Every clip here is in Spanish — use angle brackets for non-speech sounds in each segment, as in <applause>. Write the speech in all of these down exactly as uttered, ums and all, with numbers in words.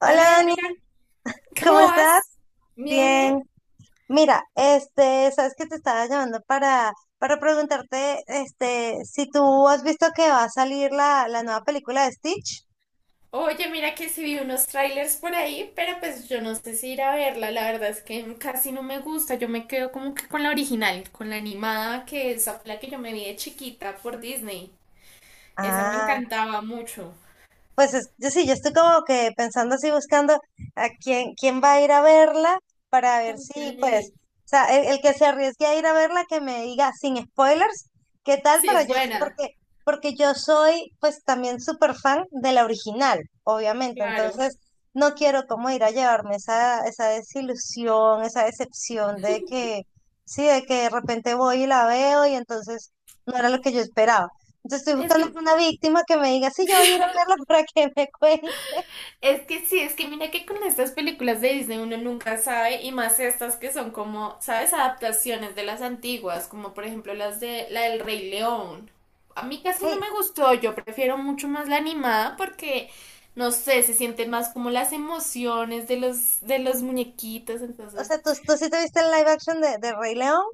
Hola Hola, Dani, mira, ¿cómo ¿cómo estás? vas? Bien, bien. Bien. Mira, este, sabes que te estaba llamando para, para preguntarte, este, si tú has visto que va a salir la, la nueva película de Stitch. Oye, mira que sí vi unos trailers por ahí, pero pues yo no sé si ir a verla, la verdad es que casi no me gusta, yo me quedo como que con la original, con la animada, que esa fue la que yo me vi de chiquita por Disney, esa me Ah. encantaba mucho. Pues es- yo sí, yo estoy como que pensando así, buscando a quién, quién va a ir a verla para ver si, pues, Ok. o sea, el, el que se arriesgue a ir a verla, que me diga sin spoilers, qué tal, Sí, pero es yo, s- buena, porque, porque yo soy, pues, también súper fan de la original, obviamente, claro. entonces no quiero como ir a llevarme esa, esa desilusión, esa decepción de que, sí, de que de repente voy y la veo y entonces no era lo que yo esperaba. Entonces estoy Es buscando que una víctima que me diga, sí, yo voy a ir a verla para que me cuente. Es que sí, es que mira que con estas películas de Disney uno nunca sabe, y más estas que son como, ¿sabes? Adaptaciones de las antiguas, como por ejemplo las de la del Rey León. A mí casi no Ay, me gustó, yo prefiero mucho más la animada porque, no sé, se sienten más como las emociones de los, de los muñequitos, o entonces... sea, ¿tú, tú sí te viste el live action de, de Rey León?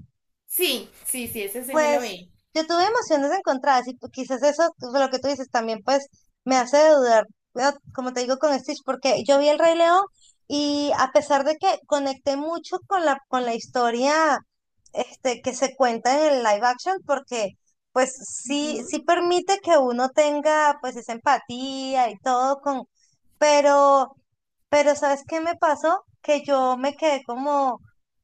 Sí, sí, sí, ese se me lo Pues vi. yo tuve emociones encontradas y pues, quizás eso, pues, lo que tú dices también, pues me hace dudar, pero, como te digo con Stitch, porque yo vi El Rey León y a pesar de que conecté mucho con la, con la historia este, que se cuenta en el live action, porque pues sí, Ujú. sí permite que uno tenga pues esa empatía y todo con, pero... Pero ¿sabes qué me pasó? Que yo me quedé como,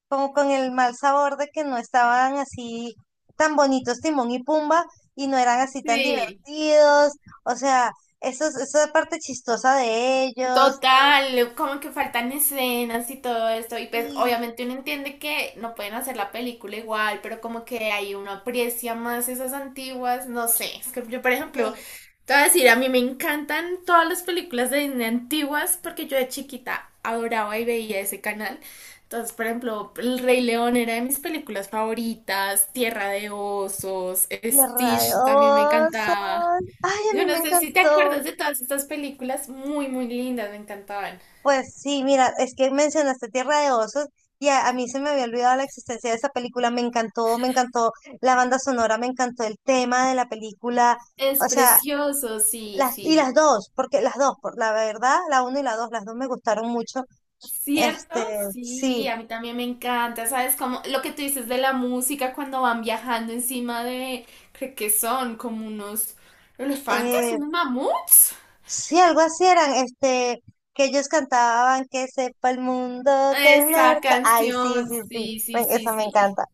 como con el mal sabor de que no estaban así tan bonitos Timón y Pumba y no eran así tan Sí. divertidos. O sea, eso, es- eso es parte chistosa de ellos. Total, como que faltan escenas y todo esto, y pues Y, obviamente uno entiende que no pueden hacer la película igual, pero como que ahí uno aprecia más esas antiguas, no sé, es que yo por ejemplo, y, te voy a decir, a mí me encantan todas las películas de Disney antiguas porque yo de chiquita adoraba y veía ese canal, entonces por ejemplo, El Rey León era de mis películas favoritas, Tierra de Osos, y Stitch también me radiosos. encantaba. Ay, a mí Yo no me sé si te acuerdas encantó. de todas estas películas muy, muy lindas, me encantaban. Pues sí, mira, es que mencionaste Tierra de Osos y a, a mí se me había olvidado la existencia de esa película. Me encantó, me encantó la banda sonora, me encantó el tema de la película. Es O sea, precioso, sí, las, y sí. las dos, porque las dos, por la verdad, la uno y la dos, las dos me gustaron mucho. ¿Cierto? Este, Sí, sí. a mí también me encanta, ¿sabes? Como lo que tú dices de la música cuando van viajando encima de, creo que son como unos elefantes, eh, unos mamuts. Sí, algo así eran, este, que ellos cantaban que sepa el mundo que Esa marcha. Ay, sí, canción, sí, sí, sí, me- sí, sí, esa me sí. encanta,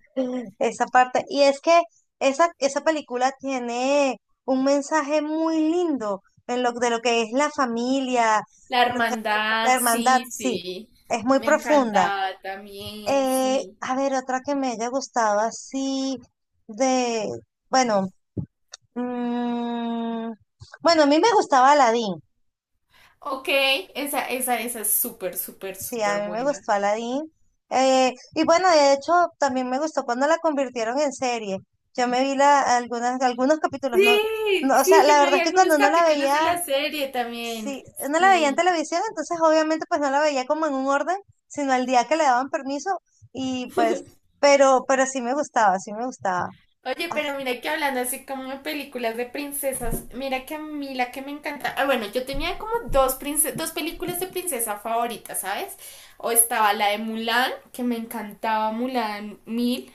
esa parte. Y es que esa, esa película tiene un mensaje muy lindo en lo, de lo que es la familia, La en lo que- la hermandad, hermandad, sí, sí, sí. es muy Me profunda. encantaba también, Eh, sí. A ver, otra que me haya gustado así de, bueno, mm, bueno, a mí me gustaba Aladdin. Ok, esa, esa, esa es súper, súper, Sí, súper a mí me buena. gustó Aladdin. Eh, y bueno, de hecho, también me gustó cuando la convirtieron en serie. Yo me vi la, algunas, algunos capítulos, no, Sí, no, o sea, sí, yo la me verdad vi es que algunos cuando uno la capítulos de veía, la serie también. sí, uno la veía en Sí. televisión, entonces obviamente pues no la veía como en un orden, sino al día que le daban permiso y pues, pero, pero sí me gustaba, sí me gustaba. Oye, pero mira que hablando así como de películas de princesas, mira que a mí la que me encanta. Ah, bueno, yo tenía como dos, prince- dos películas de princesa favoritas, ¿sabes? O estaba la de Mulan, que me encantaba Mulan mil,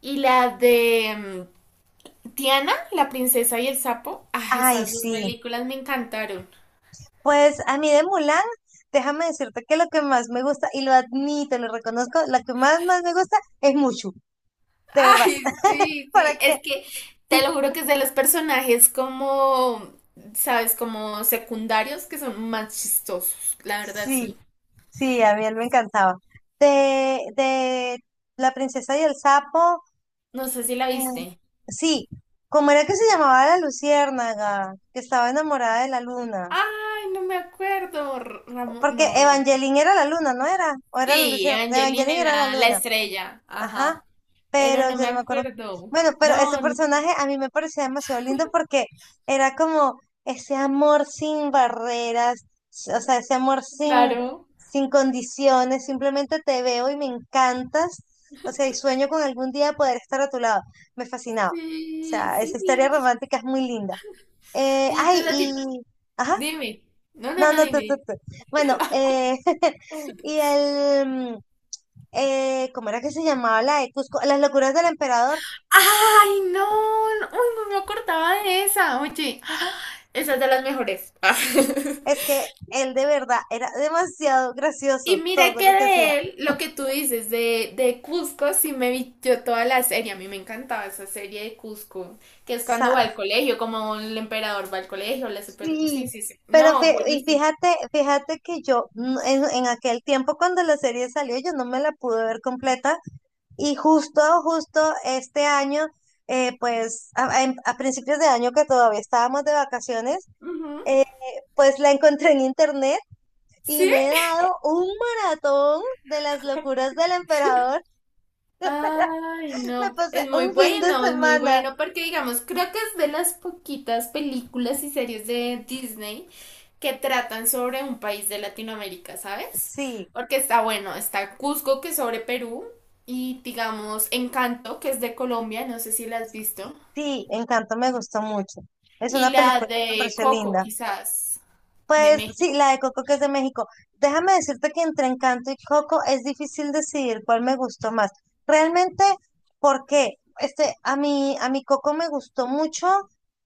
y la de mm, Tiana, la princesa y el sapo. Ah, Ay, esas dos sí. películas me encantaron. Pues a mí de Mulan, déjame decirte que lo que más me gusta, y lo admito, lo reconozco, lo que más, más me gusta es Mushu. De verdad, Ay, <laughs> sí, para sí, que es que te lo juro que es de los personajes como, sabes, como secundarios que son más chistosos, la verdad sí, sí. sí, a mí él me encantaba. De, de La princesa y el sapo, No sé si la eh, viste. sí, ¿cómo era que se llamaba la luciérnaga? Que estaba enamorada de la luna. Ay, no me acuerdo, R- Ramón, Porque no, no. Evangeline era la luna, ¿no era? ¿O era la Sí, luciérnaga? Angelina Evangeline era la era la luna. estrella, Ajá. ajá, pero Pero no ya me no me acuerdo. acuerdo. Bueno, pero ese No, no, personaje a mí me parecía demasiado lindo porque era como ese amor sin barreras, s- o sea, ese amor sin, claro. sin condiciones, simplemente te veo y me encantas, o sea, y sueño con algún día poder estar a tu lado. Me fascinaba. O Sí, sea, esa sí. historia romántica es muy linda. Eh, Oye, Ay, entonces a y... ti, Ajá, dime. No, no, no, no, no, tú, dime, tú, dime. tú. Bueno, eh, <laughs> y el... mm, eh, ¿cómo era que se llamaba la de Cusco? Las locuras del emperador. ¡Ay, no! No, ¡uy, no me acordaba de esa! Oye, <gasps> ¡ah! Esa es de las mejores. Es <laughs> que él de verdad era demasiado Y gracioso mira todo que lo que hacía. de O él, lo que tú dices de, de Cusco, sí me vi yo toda la serie. A mí me encantaba esa serie de Cusco, que es cuando sea, va al colegio, como el emperador va al colegio, la super... sí. Sí, sí, sí. Pero No, fí- y buenísimo. fíjate, fíjate que yo mm, en, en aquel tiempo cuando la serie salió, yo no me la pude ver completa. Y justo, justo este año, eh, pues a, a- en- a principios de año que todavía estábamos de vacaciones, Ujú. eh, pues la encontré en internet y Sí. me he dado un maratón de las locuras del emperador. Ay, <laughs> Me no, pasé es muy un fin de bueno, es muy semana. bueno, porque digamos, creo que es de las poquitas películas y series de Disney que tratan sobre un país de Latinoamérica, ¿sabes? Sí. Porque está bueno, está Cusco, que es sobre Perú, y digamos, Encanto, que es de Colombia, no sé si la has visto, Sí, Encanto me gustó mucho. Es y una la película que me de pareció Coco, linda. quizás, de Pues sí, México. la de Coco que es de México. Déjame decirte que entre Encanto y Coco es difícil decidir cuál me gustó más. Realmente, ¿por qué? Este, a mí, a mi Coco me gustó mucho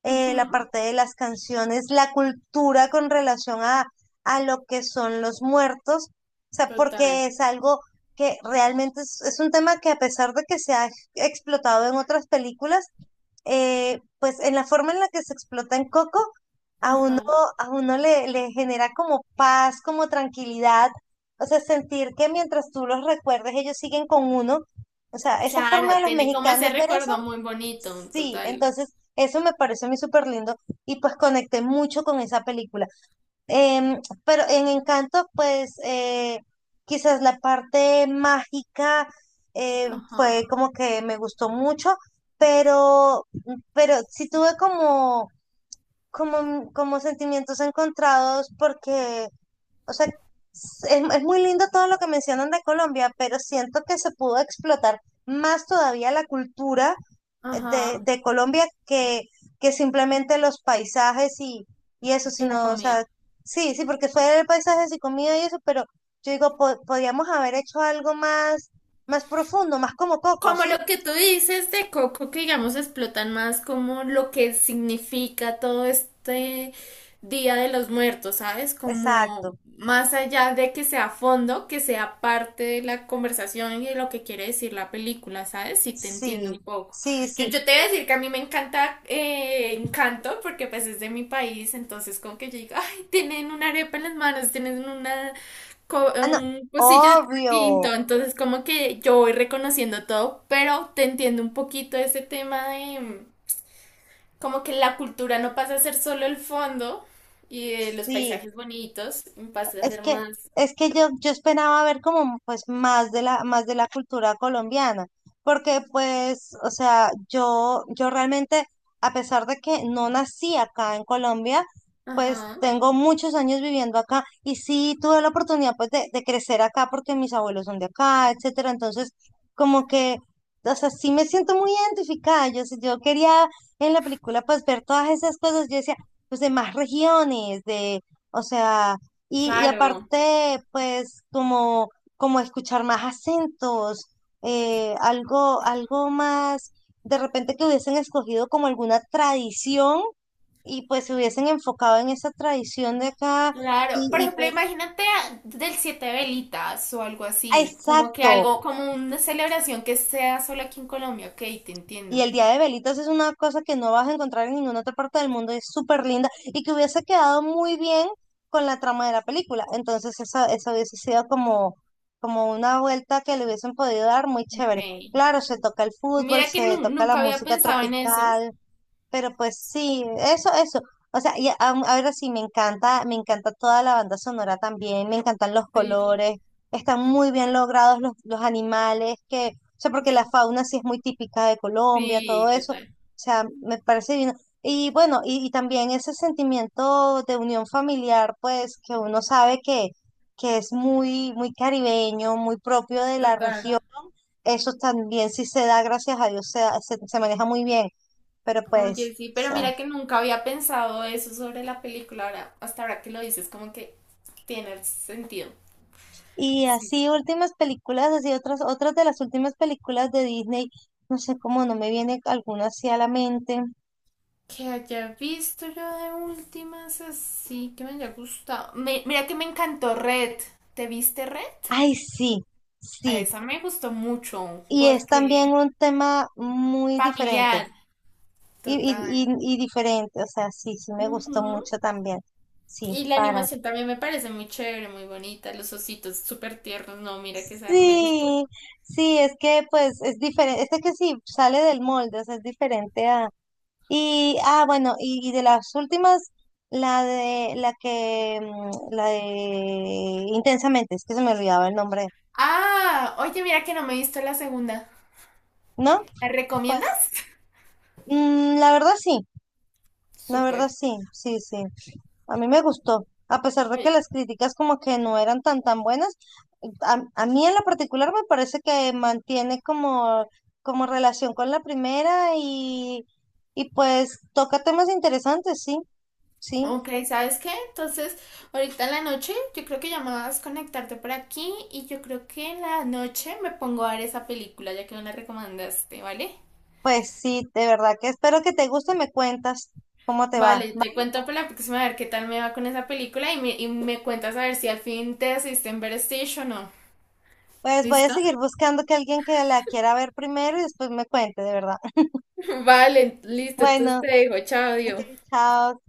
eh, la Ujú. parte de las canciones, la cultura con relación a, a lo que son los muertos. O sea, Total. porque es algo que realmente es es un tema que a pesar de que se ha explotado en otras películas, eh, pues en la forma en la que se explota en Coco, a uno, Ajá. a uno le, le genera como paz, como tranquilidad, o sea, sentir que mientras tú los recuerdes, ellos siguen con uno. O sea, esa forma de Claro, los tiene como ese mexicanos ver eso, recuerdo muy bonito, sí, total. entonces eso me pareció a mí súper lindo y pues conecté mucho con esa película. Em, pero en Encanto, pues eh, quizás la parte mágica eh, fue Ajá, como que me gustó mucho, pero, pero sí tuve como, como, como sentimientos encontrados porque, o sea, es, es muy lindo todo lo que mencionan de Colombia, pero siento que se pudo explotar más todavía la cultura de, ajá. de Colombia que, que simplemente los paisajes y, y eso, Y la sino, o comida. sea, sí, sí, porque fue el paisaje y comida y eso, pero yo digo, po- podríamos haber hecho algo más, más profundo, más como Coco, Como ¿sí? lo que tú dices de Coco, que digamos explotan más como lo que significa todo este Día de los Muertos, ¿sabes? Exacto, Como más allá de que sea fondo, que sea parte de la conversación y de lo que quiere decir la película, ¿sabes? Sí te entiendo sí, un poco. sí, Yo, sí. yo te voy a decir que a mí me encanta eh, Encanto, porque pues es de mi país, entonces como que yo digo, ay, tienen una arepa en las manos, tienen una co- Ah, no, un cursillo obvio, distinto, entonces como que yo voy reconociendo todo, pero te entiendo un poquito ese tema de mm, como que la cultura no pasa a ser solo el fondo y eh, los sí. paisajes bonitos, pasa a Es ser que, más... es que yo, yo esperaba ver como pues más de la, más de la cultura colombiana, porque pues, o sea, yo, yo realmente, a pesar de que no nací acá en Colombia, pues Ajá. tengo muchos años viviendo acá y sí tuve la oportunidad pues de, de crecer acá porque mis abuelos son de acá, etcétera. Entonces, como que, o sea, sí me siento muy identificada. Yo, sí- yo quería en la película pues ver todas esas cosas. Yo decía, pues de más regiones, de, o sea y, y Claro. aparte, pues, como, como escuchar más acentos, eh, algo, algo más, de repente que hubiesen escogido como alguna tradición y pues se hubiesen enfocado en esa tradición de acá y, Claro, por y ejemplo, pues, imagínate a- del Siete Velitas o algo ah, así, como que exacto, algo, como una celebración que sea solo aquí en Colombia, ok, te y entiendo. el día de velitas es una cosa que no vas a encontrar en ninguna otra parte del mundo, y es súper linda y que hubiese quedado muy bien con la trama de la película. Entonces esa, esa hubiese sido como, como una vuelta que le hubiesen podido dar muy Ok. chévere. Claro, se toca el fútbol, Mira que se nu- toca la nunca había música pensado en eso. tropical, pero pues sí, eso, eso. O sea, y a- ahora sí, me encanta, me encanta toda la banda sonora también, me encantan los Sí, colores, están muy bien logrados los, los animales, que, o sea, porque la fauna sí es muy típica de Colombia, todo sí, eso. O total. sea, me parece bien. Y bueno, y, y también ese sentimiento de unión familiar, pues, que uno sabe que, que es muy, muy caribeño, muy propio de la Total. región, eso también sí se da, gracias a Dios, se da- se se maneja muy bien pero Oye, pues, sí, o pero sea, mira que nunca había pensado eso sobre la película. Ahora, hasta ahora que lo dices, como que tiene sentido. y Sí. así últimas películas, así otras, otras de las últimas películas de Disney, no sé cómo no me viene alguna así a la mente. Que haya visto yo de últimas así, que me haya gustado. Me- mira que me encantó Red. ¿Te viste Red? Ay, sí, sí, A esa me gustó mucho y es también porque un tema muy diferente, familiar, y, y, total. y, y diferente, o sea, sí, sí me gustó Ujú. mucho también, sí, Y la para. animación también me parece muy chévere, muy bonita. Los ositos súper tiernos. No, mira que esa me gustó. Sí, sí, es que pues es diferente, es que sí, sale del molde, o sea, es diferente a y, ah, bueno, y, y de las últimas, la de, la que, mm, la de Intensamente, es que se me olvidaba el nombre, Ah, oye, mira que no me he visto la segunda. ¿no? ¿Me Pues, recomiendas? mm, la verdad sí, la Súper. verdad sí, sí, sí, a mí me gustó, a pesar de que Oye, las críticas como que no eran tan tan buenas, a, a mí en lo particular me parece que mantiene como, como relación con la primera y, y pues toca temas interesantes, sí, sí. ok, ¿sabes qué? Entonces, ahorita en la noche, yo creo que ya me vas a conectarte por aquí y yo creo que en la noche me pongo a ver esa película, ya que me la recomendaste, ¿vale? Pues sí, de verdad que espero que te guste, me cuentas cómo te va. Vale, ¿Va? te cuento para la próxima a ver qué tal me va con esa película y me, y me cuentas a ver si al fin te asiste en Better Station o no. Pues voy a ¿Listo? seguir buscando que alguien que la quiera ver primero y después me cuente, de verdad. <laughs> <laughs> Vale, listo, entonces Bueno, te dejo, chao, ok, adiós. chao.